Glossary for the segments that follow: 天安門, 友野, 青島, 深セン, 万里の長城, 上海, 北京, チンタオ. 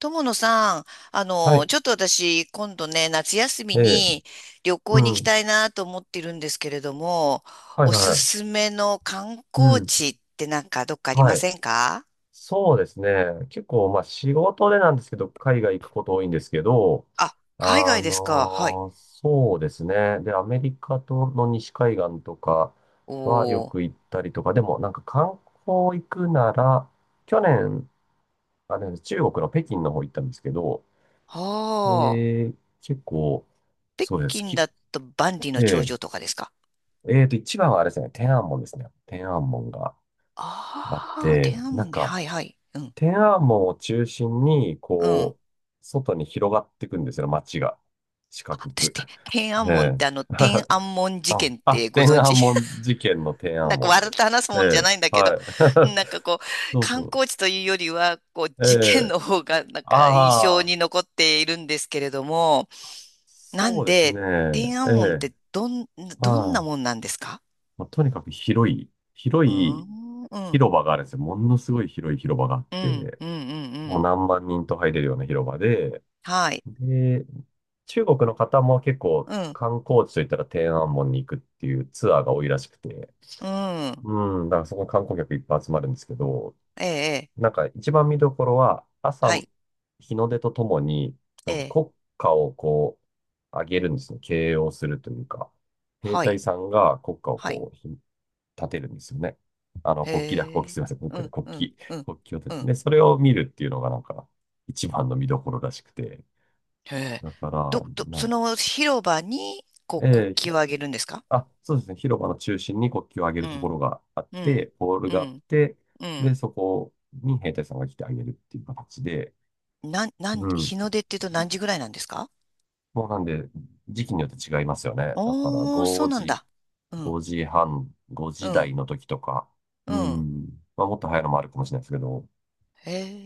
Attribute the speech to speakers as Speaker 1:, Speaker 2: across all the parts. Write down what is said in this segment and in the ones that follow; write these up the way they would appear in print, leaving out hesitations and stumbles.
Speaker 1: 友野さん、
Speaker 2: はい。
Speaker 1: ちょっと私、今度ね、夏休
Speaker 2: え
Speaker 1: み
Speaker 2: え。
Speaker 1: に旅
Speaker 2: う
Speaker 1: 行に行き
Speaker 2: ん。
Speaker 1: たいなと思っているんですけれども、
Speaker 2: はい
Speaker 1: お
Speaker 2: はい
Speaker 1: す
Speaker 2: はい。
Speaker 1: すめの観
Speaker 2: う
Speaker 1: 光
Speaker 2: ん。
Speaker 1: 地ってなんかどっかあり
Speaker 2: は
Speaker 1: ま
Speaker 2: い。
Speaker 1: せんか？
Speaker 2: そうですね。結構、まあ仕事でなんですけど、海外行くこと多いんですけど、
Speaker 1: あ、
Speaker 2: あ
Speaker 1: 海外ですか。はい。
Speaker 2: そうですね。で、アメリカとの西海岸とかはよ
Speaker 1: おー。
Speaker 2: く行ったりとか、でもなんか観光行くなら、去年、あれ、中国の北京の方行ったんですけど、
Speaker 1: はあ。
Speaker 2: え結構、
Speaker 1: 北
Speaker 2: そうです。
Speaker 1: 京
Speaker 2: き、
Speaker 1: だと万里の長
Speaker 2: え
Speaker 1: 城とかですか。
Speaker 2: ええーと、一番はあれですね、天安門ですね。天安門が。あっ
Speaker 1: ああー、
Speaker 2: て、
Speaker 1: 天安
Speaker 2: なん
Speaker 1: 門ね。
Speaker 2: か、
Speaker 1: はいはい。うん。
Speaker 2: 天安門を中心に、
Speaker 1: うん。
Speaker 2: こう、外に広がっていくんですよ、街が。四
Speaker 1: あ
Speaker 2: 角
Speaker 1: 私っ
Speaker 2: く。
Speaker 1: て、天 安
Speaker 2: え
Speaker 1: 門っ
Speaker 2: え。
Speaker 1: て天安門事
Speaker 2: あ、
Speaker 1: 件っ
Speaker 2: あ
Speaker 1: てご
Speaker 2: 天
Speaker 1: 存
Speaker 2: 安
Speaker 1: 知？
Speaker 2: 門事件の天安
Speaker 1: なんか
Speaker 2: 門
Speaker 1: 笑っ
Speaker 2: で。
Speaker 1: て話す
Speaker 2: え
Speaker 1: もんじゃ
Speaker 2: え、
Speaker 1: ないんだけ
Speaker 2: は
Speaker 1: ど、
Speaker 2: い。
Speaker 1: なんかこ う、
Speaker 2: そう
Speaker 1: 観
Speaker 2: そ
Speaker 1: 光地というよりは、こう、
Speaker 2: う。え
Speaker 1: 事件の
Speaker 2: え、
Speaker 1: 方がなんか印象
Speaker 2: ああ、
Speaker 1: に残っているんですけれども、な
Speaker 2: そ
Speaker 1: ん
Speaker 2: うですね。
Speaker 1: で、天
Speaker 2: え
Speaker 1: 安門っ
Speaker 2: え、
Speaker 1: てどん、どん
Speaker 2: は
Speaker 1: な
Speaker 2: い。
Speaker 1: もんなんですか？
Speaker 2: まあ、とにかく広い、広
Speaker 1: うー
Speaker 2: い
Speaker 1: ん、うん、
Speaker 2: 広場があるんですよ。ものすごい広い広場があっ
Speaker 1: うん、
Speaker 2: て、
Speaker 1: うん、うん、う
Speaker 2: もう
Speaker 1: ん。
Speaker 2: 何万人と入れるような広場で、
Speaker 1: はい。
Speaker 2: で、中国の方も結構
Speaker 1: うん、
Speaker 2: 観光地といったら天安門に行くっていうツアーが多いらしくて、
Speaker 1: うん。
Speaker 2: うん、だからそこに観光客いっぱい集まるんですけど、
Speaker 1: ええ、ええ、
Speaker 2: なんか一番見どころは
Speaker 1: は
Speaker 2: 朝
Speaker 1: い、
Speaker 2: 日の出とともに、
Speaker 1: え
Speaker 2: なんか
Speaker 1: え、
Speaker 2: 国歌をこう上げるんですね。掲揚するというか、兵
Speaker 1: は
Speaker 2: 隊
Speaker 1: い、
Speaker 2: さんが国歌を
Speaker 1: はい。
Speaker 2: こう立てるんですよね。あの、国旗だ、
Speaker 1: へ
Speaker 2: 国旗す
Speaker 1: え、
Speaker 2: いません、国
Speaker 1: う
Speaker 2: 旗だ、
Speaker 1: ん、
Speaker 2: 国
Speaker 1: う
Speaker 2: 旗、
Speaker 1: ん、うん、
Speaker 2: 国旗を立て
Speaker 1: う
Speaker 2: て、
Speaker 1: ん。
Speaker 2: でそれを見るっていうのがなんか一番の見どころらしくて、
Speaker 1: へえ。
Speaker 2: だから、な
Speaker 1: そ
Speaker 2: ん
Speaker 1: の広場に、こう、国
Speaker 2: ええひ
Speaker 1: 旗をあげるんですか？
Speaker 2: あ、そうですね。広場の中心に国旗を上げ
Speaker 1: う
Speaker 2: るとこ
Speaker 1: ん、
Speaker 2: ろがあっ
Speaker 1: う
Speaker 2: て、
Speaker 1: ん、
Speaker 2: ポール
Speaker 1: う
Speaker 2: があっ
Speaker 1: ん、
Speaker 2: て、
Speaker 1: う
Speaker 2: で、
Speaker 1: ん。
Speaker 2: そこに兵隊さんが来てあげるっていう形で、
Speaker 1: なん、な
Speaker 2: う
Speaker 1: ん、
Speaker 2: ん。
Speaker 1: 日の出って言うと何時ぐらいなんですか？
Speaker 2: もうなんで、時期によって違いますよね。だから、
Speaker 1: おー、そ
Speaker 2: 5
Speaker 1: うなん
Speaker 2: 時、
Speaker 1: だ。うん、
Speaker 2: 5時半、5
Speaker 1: う
Speaker 2: 時
Speaker 1: ん、
Speaker 2: 台の時とか、
Speaker 1: う
Speaker 2: う
Speaker 1: ん。
Speaker 2: ん。まあ、もっと早いのもあるかもしれないですけど、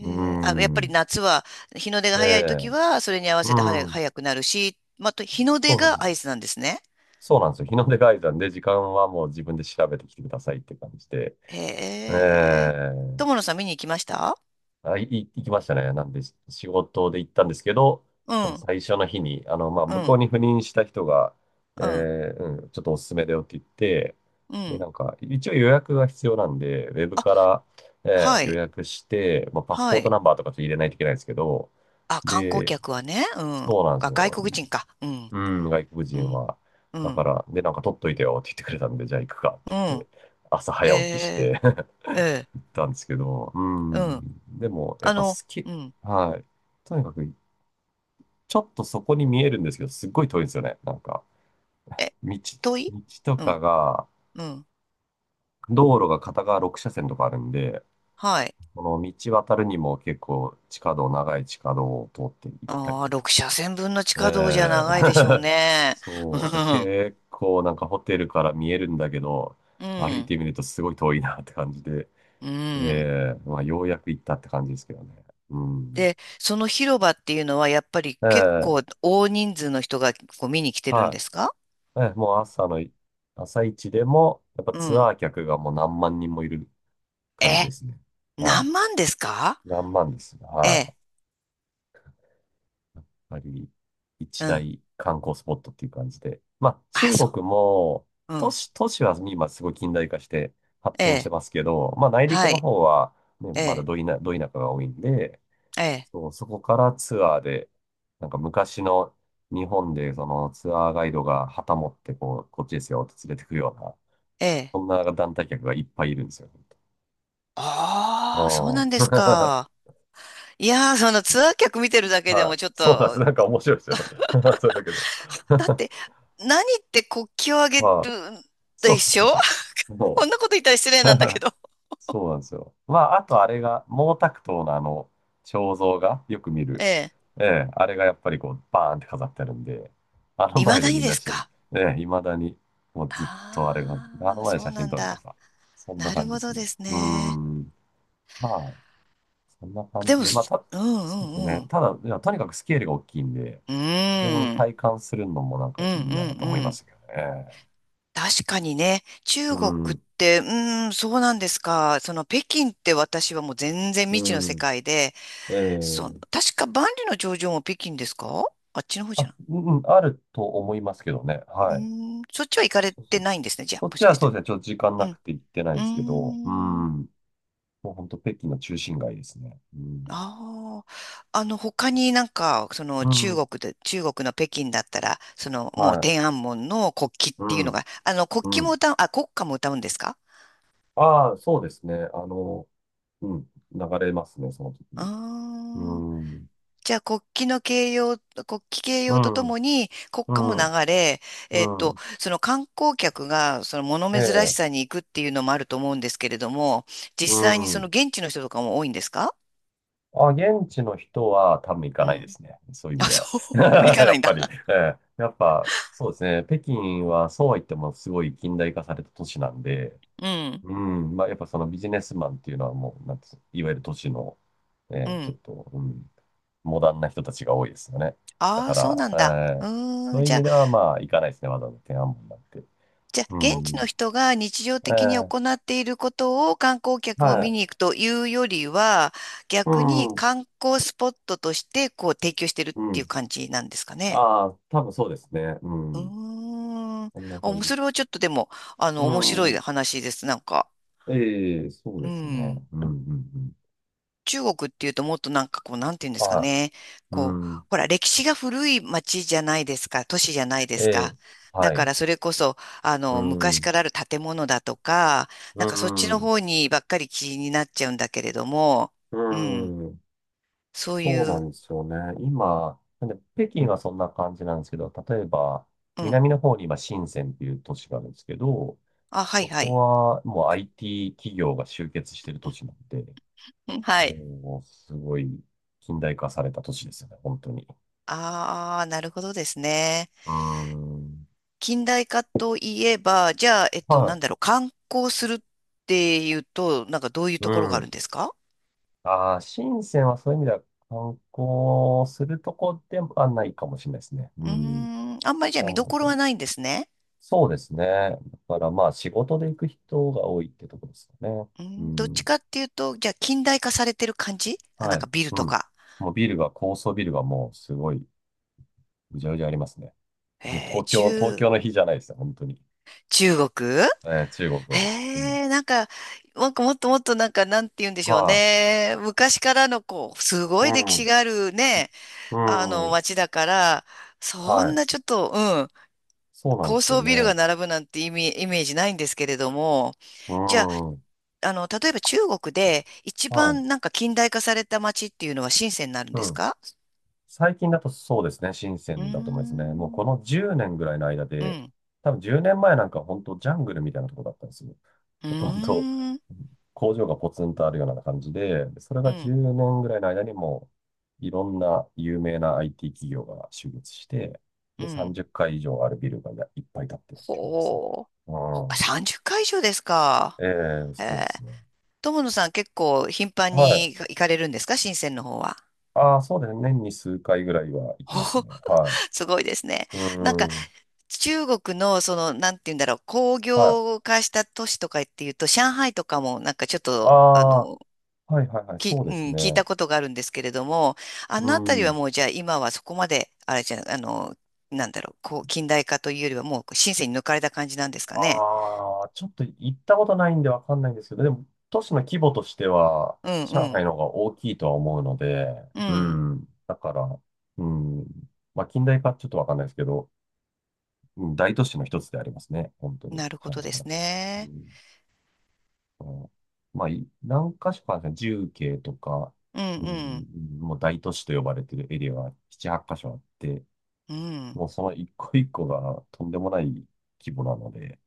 Speaker 2: う
Speaker 1: え。あ、やっぱり
Speaker 2: ん。
Speaker 1: 夏は、日の出が
Speaker 2: え
Speaker 1: 早い時
Speaker 2: え
Speaker 1: は、それに合わせ
Speaker 2: う
Speaker 1: て
Speaker 2: ん。
Speaker 1: 早くなるし、また、日の
Speaker 2: そ
Speaker 1: 出
Speaker 2: うそうそ
Speaker 1: が合
Speaker 2: う。
Speaker 1: 図なんですね。
Speaker 2: そうなんですよ。日の出ガイドなんで、時間はもう自分で調べてきてくださいって感じで。
Speaker 1: へ
Speaker 2: え
Speaker 1: え。
Speaker 2: え
Speaker 1: 友野さん見に行きました？
Speaker 2: 行きましたね。なんで、仕事で行ったんですけど、
Speaker 1: う
Speaker 2: その
Speaker 1: ん、
Speaker 2: 最初の日に、まあ、
Speaker 1: う
Speaker 2: 向こう
Speaker 1: ん、
Speaker 2: に赴任した人が、
Speaker 1: うん、
Speaker 2: うん、ちょっとおすすめだよって言って、
Speaker 1: う
Speaker 2: で、
Speaker 1: ん。
Speaker 2: なんか、一応予約が必要なんで、ウェブ
Speaker 1: あ、
Speaker 2: から、
Speaker 1: は
Speaker 2: 予
Speaker 1: い、
Speaker 2: 約して、まあ、パスポ
Speaker 1: は
Speaker 2: ート
Speaker 1: い。
Speaker 2: ナンバーとかちょっと入れないといけないんですけど、
Speaker 1: あ、観光
Speaker 2: で、
Speaker 1: 客はね、うん。
Speaker 2: そうなんです
Speaker 1: あ、外
Speaker 2: よ。
Speaker 1: 国人か。うん、
Speaker 2: うん、外国
Speaker 1: う
Speaker 2: 人
Speaker 1: ん、
Speaker 2: は。
Speaker 1: う
Speaker 2: だか
Speaker 1: ん、
Speaker 2: ら、なんか取っといてよって言ってくれたんで、じゃあ行くかって
Speaker 1: う
Speaker 2: 言っ
Speaker 1: ん。
Speaker 2: て、朝
Speaker 1: へ
Speaker 2: 早起きし
Speaker 1: え。
Speaker 2: て
Speaker 1: ええ、
Speaker 2: たんですけど、う
Speaker 1: うん。
Speaker 2: ん。でも、やっ
Speaker 1: あ
Speaker 2: ぱ好
Speaker 1: の、
Speaker 2: き。
Speaker 1: うん。
Speaker 2: はい。とにかく、ちょっとそこに見えるんですけど、すっごい遠いんですよね。なんか、
Speaker 1: え、
Speaker 2: 道、
Speaker 1: 遠い？
Speaker 2: 道と
Speaker 1: うん、
Speaker 2: かが、
Speaker 1: うん。
Speaker 2: 道路が片側6車線とかあるんで、
Speaker 1: はい。
Speaker 2: この道渡るにも結構地下道、長い地下道を通って行ったり
Speaker 1: ああ、
Speaker 2: とか。
Speaker 1: 6車線分の地下道じゃ
Speaker 2: え
Speaker 1: 長いでしょう
Speaker 2: え
Speaker 1: ね。う
Speaker 2: そう。
Speaker 1: ん、
Speaker 2: 結構なんかホテルから見えるんだけど、
Speaker 1: う
Speaker 2: 歩い
Speaker 1: ん、
Speaker 2: てみるとすごい遠いなって感じで、
Speaker 1: うん。
Speaker 2: まあようやく行ったって感じですけどね。うん。
Speaker 1: で、その広場っていうのはやっぱり結
Speaker 2: え
Speaker 1: 構
Speaker 2: え
Speaker 1: 大人数の人がこう見に来てるん
Speaker 2: は
Speaker 1: ですか？
Speaker 2: い。もう朝のい、朝一でも、やっぱ
Speaker 1: う
Speaker 2: ツ
Speaker 1: ん。
Speaker 2: アー客がもう何万人もいる感じ
Speaker 1: え、
Speaker 2: ですね。は
Speaker 1: 何万ですか？
Speaker 2: い。何万ですね。
Speaker 1: え
Speaker 2: は
Speaker 1: え、
Speaker 2: い。やっぱり、
Speaker 1: う
Speaker 2: 一
Speaker 1: ん。
Speaker 2: 大観光スポットっていう感じで。まあ、
Speaker 1: あ、
Speaker 2: 中
Speaker 1: そ
Speaker 2: 国も、
Speaker 1: う。う
Speaker 2: 都
Speaker 1: ん。
Speaker 2: 市、都市は今すごい近代化して発
Speaker 1: え
Speaker 2: 展し
Speaker 1: え、
Speaker 2: てますけど、まあ、内陸
Speaker 1: は
Speaker 2: の
Speaker 1: い。
Speaker 2: 方は、ね、
Speaker 1: え
Speaker 2: まだ
Speaker 1: え、
Speaker 2: ど田舎が多いんで、
Speaker 1: ええ、
Speaker 2: そう、そこからツアーで、なんか昔の日本でそのツアーガイドが旗持ってこう、こっちですよって連れてくよ
Speaker 1: ええ。
Speaker 2: そんな団体客がいっぱいいるんですよ。
Speaker 1: ああ、そう
Speaker 2: あ
Speaker 1: なんです
Speaker 2: あ。
Speaker 1: か。いやー、そのツアー客見てるだ けで
Speaker 2: はい。
Speaker 1: もちょっ
Speaker 2: そうなんです。
Speaker 1: と、
Speaker 2: なんか面白いですよ。それだけど。
Speaker 1: だって、何って国旗をあげる
Speaker 2: はい。そう
Speaker 1: で
Speaker 2: そう
Speaker 1: し
Speaker 2: で
Speaker 1: ょ？
Speaker 2: すよ。も
Speaker 1: こんなこと言ったら失
Speaker 2: う
Speaker 1: 礼なんだけ ど。
Speaker 2: そうなんですよ。まあ、あとあれが、毛沢東のあの、肖像がよく見る。
Speaker 1: え
Speaker 2: ええ、あれがやっぱりこう、バーンって飾ってあるんで、あの
Speaker 1: え。いま
Speaker 2: 前
Speaker 1: だ
Speaker 2: で
Speaker 1: に
Speaker 2: みん
Speaker 1: で
Speaker 2: な
Speaker 1: す
Speaker 2: し、
Speaker 1: か。
Speaker 2: 未だに、もうずっとあれが、あ
Speaker 1: ああ
Speaker 2: の
Speaker 1: ー、
Speaker 2: 前で
Speaker 1: そ
Speaker 2: 写
Speaker 1: う
Speaker 2: 真
Speaker 1: なん
Speaker 2: 撮ると
Speaker 1: だ。
Speaker 2: さ、そんな
Speaker 1: なる
Speaker 2: 感じで
Speaker 1: ほど
Speaker 2: すね。
Speaker 1: です
Speaker 2: うー
Speaker 1: ね。
Speaker 2: ん。まあそんな感
Speaker 1: で
Speaker 2: じ
Speaker 1: も、
Speaker 2: で、まあ、
Speaker 1: す、うん
Speaker 2: そうで
Speaker 1: う
Speaker 2: す
Speaker 1: ん
Speaker 2: ね。
Speaker 1: うん。
Speaker 2: ただ、いやとにかくスケールが大きいんで、
Speaker 1: うー
Speaker 2: あれを
Speaker 1: ん。
Speaker 2: 体感するのもなん
Speaker 1: う
Speaker 2: か
Speaker 1: ん
Speaker 2: いい
Speaker 1: う
Speaker 2: な
Speaker 1: ん
Speaker 2: と思い
Speaker 1: う
Speaker 2: ま
Speaker 1: ん。
Speaker 2: したけどね。
Speaker 1: 確かにね、
Speaker 2: う
Speaker 1: 中国っ
Speaker 2: ん。
Speaker 1: て、うーん、そうなんですか。その北京って私はもう全然未知の世
Speaker 2: う
Speaker 1: 界で、
Speaker 2: ん。え
Speaker 1: その、
Speaker 2: え
Speaker 1: 確か万里の長城も北京ですか？あっちの方じゃん。
Speaker 2: うんうん、あると思いますけどね。
Speaker 1: うー
Speaker 2: はい。
Speaker 1: ん、そっちは行かれ
Speaker 2: そうそ
Speaker 1: て
Speaker 2: う。
Speaker 1: ないんですね。じゃあ、
Speaker 2: そっ
Speaker 1: も
Speaker 2: ち
Speaker 1: しか
Speaker 2: は
Speaker 1: し
Speaker 2: そ
Speaker 1: て。
Speaker 2: うですね。ちょっと時間
Speaker 1: う
Speaker 2: な
Speaker 1: ん。
Speaker 2: くて行ってない
Speaker 1: う
Speaker 2: ですけ
Speaker 1: ー
Speaker 2: ど、う
Speaker 1: ん。
Speaker 2: ん。もう本当北京の中心街ですね。うん。
Speaker 1: ああ。他になんか、その
Speaker 2: う
Speaker 1: 中
Speaker 2: ん。
Speaker 1: 国で、中国の北京だったら、そのもう
Speaker 2: はい。
Speaker 1: 天安門の国旗っ
Speaker 2: う
Speaker 1: ていうの
Speaker 2: ん。
Speaker 1: が、国
Speaker 2: う
Speaker 1: 旗も
Speaker 2: ん。
Speaker 1: 歌う、あ、国歌も歌うんですか？
Speaker 2: ああ、そうですね。うん。流れますね、その時に。う
Speaker 1: ああ。
Speaker 2: ん。
Speaker 1: じゃあ国旗の掲揚、国旗掲
Speaker 2: う
Speaker 1: 揚とと
Speaker 2: ん。
Speaker 1: もに国
Speaker 2: う
Speaker 1: 歌も流
Speaker 2: ん。
Speaker 1: れ、えっ
Speaker 2: う
Speaker 1: と、
Speaker 2: ん。
Speaker 1: その観光客がその物
Speaker 2: え
Speaker 1: 珍し
Speaker 2: え。
Speaker 1: さに行くっていうのもあると思うんですけれども、
Speaker 2: う
Speaker 1: 実際にその
Speaker 2: ん。
Speaker 1: 現地の人とかも多いんですか？
Speaker 2: あ、現地の人は多分行か
Speaker 1: う
Speaker 2: ないで
Speaker 1: ん。
Speaker 2: すね。そういう意
Speaker 1: あ、
Speaker 2: 味では。
Speaker 1: そう、行 か
Speaker 2: や
Speaker 1: ない
Speaker 2: っ
Speaker 1: んだ。
Speaker 2: ぱり、ええ、やっぱ、そうですね。北京はそうは言ってもすごい近代化された都市なんで、
Speaker 1: うん。
Speaker 2: うん。まあ、やっぱそのビジネスマンっていうのはもう、なんていうんですかいわゆる都市の、
Speaker 1: う
Speaker 2: ちょっ
Speaker 1: ん。
Speaker 2: と、モダンな人たちが多いですよね。だ
Speaker 1: あ
Speaker 2: か
Speaker 1: あ、そう
Speaker 2: ら、
Speaker 1: なんだ。
Speaker 2: え
Speaker 1: う
Speaker 2: え、そ
Speaker 1: ー
Speaker 2: う
Speaker 1: ん、
Speaker 2: いう意
Speaker 1: じゃ
Speaker 2: 味
Speaker 1: あ、
Speaker 2: ではまあ、行かないですね。わざわざ天安門なんて。
Speaker 1: じゃあ、
Speaker 2: う
Speaker 1: 現地の
Speaker 2: ん。
Speaker 1: 人が日常
Speaker 2: え
Speaker 1: 的に行
Speaker 2: え、
Speaker 1: っていることを観光客も
Speaker 2: は
Speaker 1: 見
Speaker 2: い。
Speaker 1: に行くというよりは、
Speaker 2: う
Speaker 1: 逆に
Speaker 2: ん。
Speaker 1: 観光スポットとして、こう、提供してるっ
Speaker 2: う
Speaker 1: ていう
Speaker 2: ん
Speaker 1: 感じなんですかね。
Speaker 2: ああ、多分そうですね。う
Speaker 1: う
Speaker 2: ん。
Speaker 1: ーん。
Speaker 2: そんな感
Speaker 1: お、
Speaker 2: じで
Speaker 1: それ
Speaker 2: す。
Speaker 1: はちょっとでも、
Speaker 2: う
Speaker 1: 面白い
Speaker 2: ん。
Speaker 1: 話です、なんか。
Speaker 2: ええ、そう
Speaker 1: う
Speaker 2: ですね。
Speaker 1: ん。
Speaker 2: うん、うん、うん。
Speaker 1: 中国っていうともっとなんかこう、なんていうんですか
Speaker 2: は
Speaker 1: ね。
Speaker 2: い。う
Speaker 1: こう、
Speaker 2: ん。
Speaker 1: ほら、歴史が古い町じゃないですか、都市じゃないで
Speaker 2: え
Speaker 1: す
Speaker 2: え、
Speaker 1: か。だ
Speaker 2: は
Speaker 1: か
Speaker 2: い。
Speaker 1: らそれこそ、
Speaker 2: う
Speaker 1: 昔
Speaker 2: ん。
Speaker 1: からある建物だとか、な
Speaker 2: う
Speaker 1: んかそっちの
Speaker 2: ん。
Speaker 1: 方にばっかり気になっちゃうんだけれども、うん、
Speaker 2: うん。
Speaker 1: そう
Speaker 2: そう
Speaker 1: い
Speaker 2: な
Speaker 1: う、
Speaker 2: んですよね。今、なんで北京はそんな感じなんですけど、例えば、
Speaker 1: うん。
Speaker 2: 南の方に今、深センっていう都市があるんですけど、
Speaker 1: あ、はい
Speaker 2: そ
Speaker 1: は
Speaker 2: こ
Speaker 1: い。
Speaker 2: はもう IT 企業が集結してる都市なんで、
Speaker 1: うん、はい。
Speaker 2: もう、すごい近代化された都市ですよね、本当に。
Speaker 1: ああ、なるほどですね。
Speaker 2: うーん。
Speaker 1: 近代化といえば、じゃあ、えっと、な
Speaker 2: は
Speaker 1: んだろう、観光するっていうと、なんかどういう
Speaker 2: い。う
Speaker 1: ところがあるん
Speaker 2: ん。
Speaker 1: ですか？
Speaker 2: ああ、深センはそういう意味では観光するとこではないかもしれないですね。う
Speaker 1: うー
Speaker 2: ん。
Speaker 1: ん、あんまりじゃあ
Speaker 2: なる
Speaker 1: 見ど
Speaker 2: ほ
Speaker 1: ころは
Speaker 2: ど。
Speaker 1: ないんですね。
Speaker 2: そうですね。だからまあ仕事で行く人が多いってとこですかね。
Speaker 1: う
Speaker 2: う
Speaker 1: ん、どっち
Speaker 2: ん。
Speaker 1: かっていうと、じゃあ近代化されてる感じあ、
Speaker 2: は
Speaker 1: なんか
Speaker 2: い。
Speaker 1: ビル
Speaker 2: う
Speaker 1: と
Speaker 2: ん。
Speaker 1: か。
Speaker 2: もうビルが、高層ビルがもうすごい、うじゃうじゃありますね。もう
Speaker 1: えー、
Speaker 2: 東京、東
Speaker 1: 中、
Speaker 2: 京の日じゃないですよ、本当に。
Speaker 1: 中国、
Speaker 2: 中国
Speaker 1: へ
Speaker 2: は。うん。
Speaker 1: え、なんか、なんかもっともっとなんか、なんて言うんでしょう
Speaker 2: は
Speaker 1: ね。昔からのこう、す
Speaker 2: い。
Speaker 1: ご
Speaker 2: う
Speaker 1: い歴史
Speaker 2: ん。
Speaker 1: があるね、
Speaker 2: う
Speaker 1: あの
Speaker 2: ん。
Speaker 1: 街だから、そ
Speaker 2: は
Speaker 1: ん
Speaker 2: い。
Speaker 1: なちょっと、うん、
Speaker 2: そうなんで
Speaker 1: 高
Speaker 2: すよ
Speaker 1: 層ビルが
Speaker 2: ね。
Speaker 1: 並ぶなんて意味、イメージないんですけれども。
Speaker 2: う
Speaker 1: じゃ
Speaker 2: ん。は
Speaker 1: あ、例えば中国で一
Speaker 2: い。
Speaker 1: 番なんか近代化された街っていうのは深センになるん
Speaker 2: う
Speaker 1: です
Speaker 2: ん。
Speaker 1: か？
Speaker 2: 最近だとそうですね、深セ
Speaker 1: うー
Speaker 2: ンだと思いますね。もう
Speaker 1: ん、
Speaker 2: この10年ぐらいの間
Speaker 1: う
Speaker 2: で、
Speaker 1: ん、
Speaker 2: 多分10年前なんか本当ジャングルみたいなとこだったんですよ。
Speaker 1: うー
Speaker 2: ほとんど
Speaker 1: ん、
Speaker 2: 工場がポツンとあるような感じで、それ
Speaker 1: う
Speaker 2: が
Speaker 1: ん、
Speaker 2: 10年ぐらいの間にもういろんな有名な IT 企業が集結して、
Speaker 1: う
Speaker 2: で、
Speaker 1: ん。
Speaker 2: 30階以上あるビルがいっぱい建ってるって感じですね。
Speaker 1: ほう。
Speaker 2: う
Speaker 1: ほ、
Speaker 2: ん。
Speaker 1: 30回以上ですか。
Speaker 2: え
Speaker 1: え
Speaker 2: そうで
Speaker 1: え。
Speaker 2: すね。
Speaker 1: 友野さん結構頻繁
Speaker 2: はい。
Speaker 1: に行かれるんですか深センの方は。
Speaker 2: ああ、そうですね。年に数回ぐらいは行
Speaker 1: お
Speaker 2: きます
Speaker 1: ー、
Speaker 2: ね。は
Speaker 1: すごいですね。
Speaker 2: い。う
Speaker 1: なんか
Speaker 2: ん。
Speaker 1: 中国のその、なんて言うんだろう、工
Speaker 2: はい。
Speaker 1: 業化した都市とかっていうと、上海とかもなんかちょっ
Speaker 2: あ
Speaker 1: と、
Speaker 2: はいはいはい、
Speaker 1: き、
Speaker 2: そう
Speaker 1: う
Speaker 2: で
Speaker 1: ん、
Speaker 2: す
Speaker 1: 聞い
Speaker 2: ね。
Speaker 1: たことがあるんですけれども、あ
Speaker 2: う
Speaker 1: のあたりは
Speaker 2: ん。
Speaker 1: もうじゃあ今はそこまで、あれじゃ、あの、なんだろう、こう、近代化というよりはもう深セに抜かれた感じなんですかね。
Speaker 2: ああ、ちょっと行ったことないんでわかんないんですけど、でも都市の規模としては、
Speaker 1: うんう
Speaker 2: 上海
Speaker 1: ん。
Speaker 2: の方が大きいとは思うので、
Speaker 1: う
Speaker 2: う
Speaker 1: ん。
Speaker 2: ん。だから、うん。まあ、近代化ちょっとわかんないですけど、うん、大都市の一つでありますね。本当に、
Speaker 1: なるほ
Speaker 2: 上海
Speaker 1: どで
Speaker 2: は。
Speaker 1: す
Speaker 2: う
Speaker 1: ね。
Speaker 2: ん。うんまあ、何か所かあるんですね重慶とか、
Speaker 1: うん
Speaker 2: う
Speaker 1: うん。
Speaker 2: ん、もう大都市と呼ばれてるエリアが7、8箇所あって、
Speaker 1: うん。
Speaker 2: もうその一個一個がとんでもない規模なので、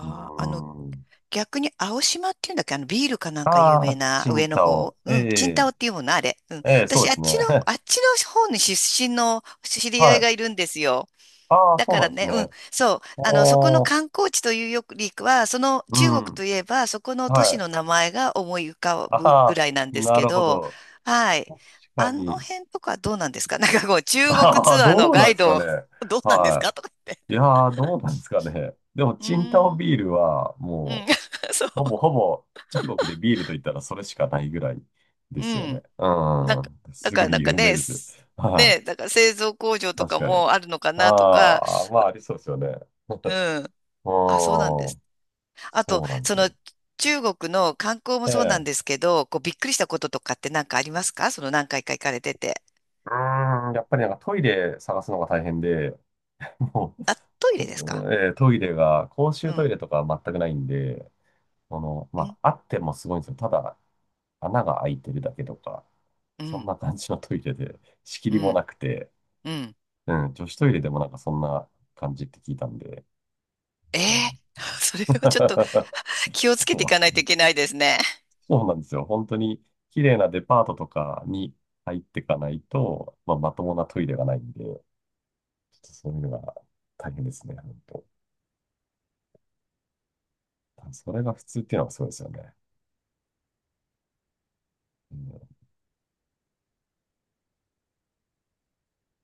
Speaker 2: う
Speaker 1: あ、
Speaker 2: ーん。
Speaker 1: 逆に青島っていうんだっけ、ビールかなんか有
Speaker 2: あ
Speaker 1: 名
Speaker 2: あ、
Speaker 1: な
Speaker 2: チ
Speaker 1: 上
Speaker 2: ン
Speaker 1: の
Speaker 2: タ
Speaker 1: 方。
Speaker 2: オ。え
Speaker 1: うん。チンタ
Speaker 2: え、
Speaker 1: オっていうもの、あれ。うん。
Speaker 2: ええ、そう
Speaker 1: 私、
Speaker 2: で
Speaker 1: あっ
Speaker 2: すね。
Speaker 1: ちの、あっちの方に出身の知り合
Speaker 2: は
Speaker 1: いが
Speaker 2: い。
Speaker 1: いるんですよ。
Speaker 2: ああ、
Speaker 1: だ
Speaker 2: そう
Speaker 1: か
Speaker 2: な
Speaker 1: ら
Speaker 2: んです
Speaker 1: ね、うん、
Speaker 2: ね。
Speaker 1: そう、そこの
Speaker 2: おー、
Speaker 1: 観光地というよりかは、その
Speaker 2: う
Speaker 1: 中国と
Speaker 2: ん。
Speaker 1: いえば、そこの都市
Speaker 2: はい。
Speaker 1: の名前が思い浮かぶ
Speaker 2: あ
Speaker 1: ぐ
Speaker 2: あ、
Speaker 1: らいなんです
Speaker 2: な
Speaker 1: け
Speaker 2: るほ
Speaker 1: ど、
Speaker 2: ど。
Speaker 1: はい。
Speaker 2: 確か
Speaker 1: あの
Speaker 2: に。
Speaker 1: 辺とかどうなんですか？ なんかこう、中国
Speaker 2: ああ、
Speaker 1: ツアーの
Speaker 2: どう
Speaker 1: ガ
Speaker 2: なん
Speaker 1: イ
Speaker 2: ですか
Speaker 1: ド、
Speaker 2: ね。
Speaker 1: どうなんです
Speaker 2: は
Speaker 1: かとか言っ
Speaker 2: い。
Speaker 1: て。
Speaker 2: いやー、どうなんですかね。でも、
Speaker 1: うー
Speaker 2: チンタオ
Speaker 1: ん、
Speaker 2: ビールは、
Speaker 1: うん、
Speaker 2: も
Speaker 1: そう、
Speaker 2: う、ほぼほぼ中国でビールと言ったらそれしかないぐらいで
Speaker 1: う
Speaker 2: すよね。
Speaker 1: ん。
Speaker 2: う
Speaker 1: なんか、
Speaker 2: ん。
Speaker 1: だ
Speaker 2: す
Speaker 1: か
Speaker 2: ご
Speaker 1: ら
Speaker 2: い
Speaker 1: なんか
Speaker 2: 有名
Speaker 1: ね、
Speaker 2: ですよ。
Speaker 1: す、
Speaker 2: は
Speaker 1: ね、
Speaker 2: い。
Speaker 1: だから製造工場と
Speaker 2: 確
Speaker 1: か
Speaker 2: かに。
Speaker 1: もあるのかなとか、
Speaker 2: ああ、まあありそうですよね。
Speaker 1: うん。
Speaker 2: う
Speaker 1: あ、そうなんです。
Speaker 2: ん。
Speaker 1: あと、
Speaker 2: そうなんで
Speaker 1: そ
Speaker 2: す
Speaker 1: の
Speaker 2: よ。
Speaker 1: 中国の観光も
Speaker 2: え
Speaker 1: そうな
Speaker 2: え。
Speaker 1: んですけど、こうびっくりしたこととかって何かありますかその何回か行かれてて。
Speaker 2: うーん。やっぱりなんかトイレ探すのが大変で、もう、
Speaker 1: あ、トイレですか？
Speaker 2: こええトイレが、公
Speaker 1: う
Speaker 2: 衆トイ
Speaker 1: ん、
Speaker 2: レとかは全くないんで、この、
Speaker 1: う
Speaker 2: ま
Speaker 1: ん、
Speaker 2: あ、あってもすごいんですよ。ただ、穴が開いてるだけとか、
Speaker 1: う
Speaker 2: そん
Speaker 1: ん、
Speaker 2: な感じのトイレで、仕切
Speaker 1: う
Speaker 2: りもな
Speaker 1: ん、
Speaker 2: くて、
Speaker 1: うん。
Speaker 2: うん、女子トイレでもなんかそんな感じって聞いたんで、
Speaker 1: え
Speaker 2: あの
Speaker 1: ー それをちょっと 気をつけてい
Speaker 2: そ
Speaker 1: かないと
Speaker 2: う、
Speaker 1: いけないですね。
Speaker 2: そうなんですよ。本当に綺麗なデパートとかに入っていかないと、まあ、まともなトイレがないんで、ちょっとそういうのが大変ですね、本当。それが普通っていうのがすごいですよね。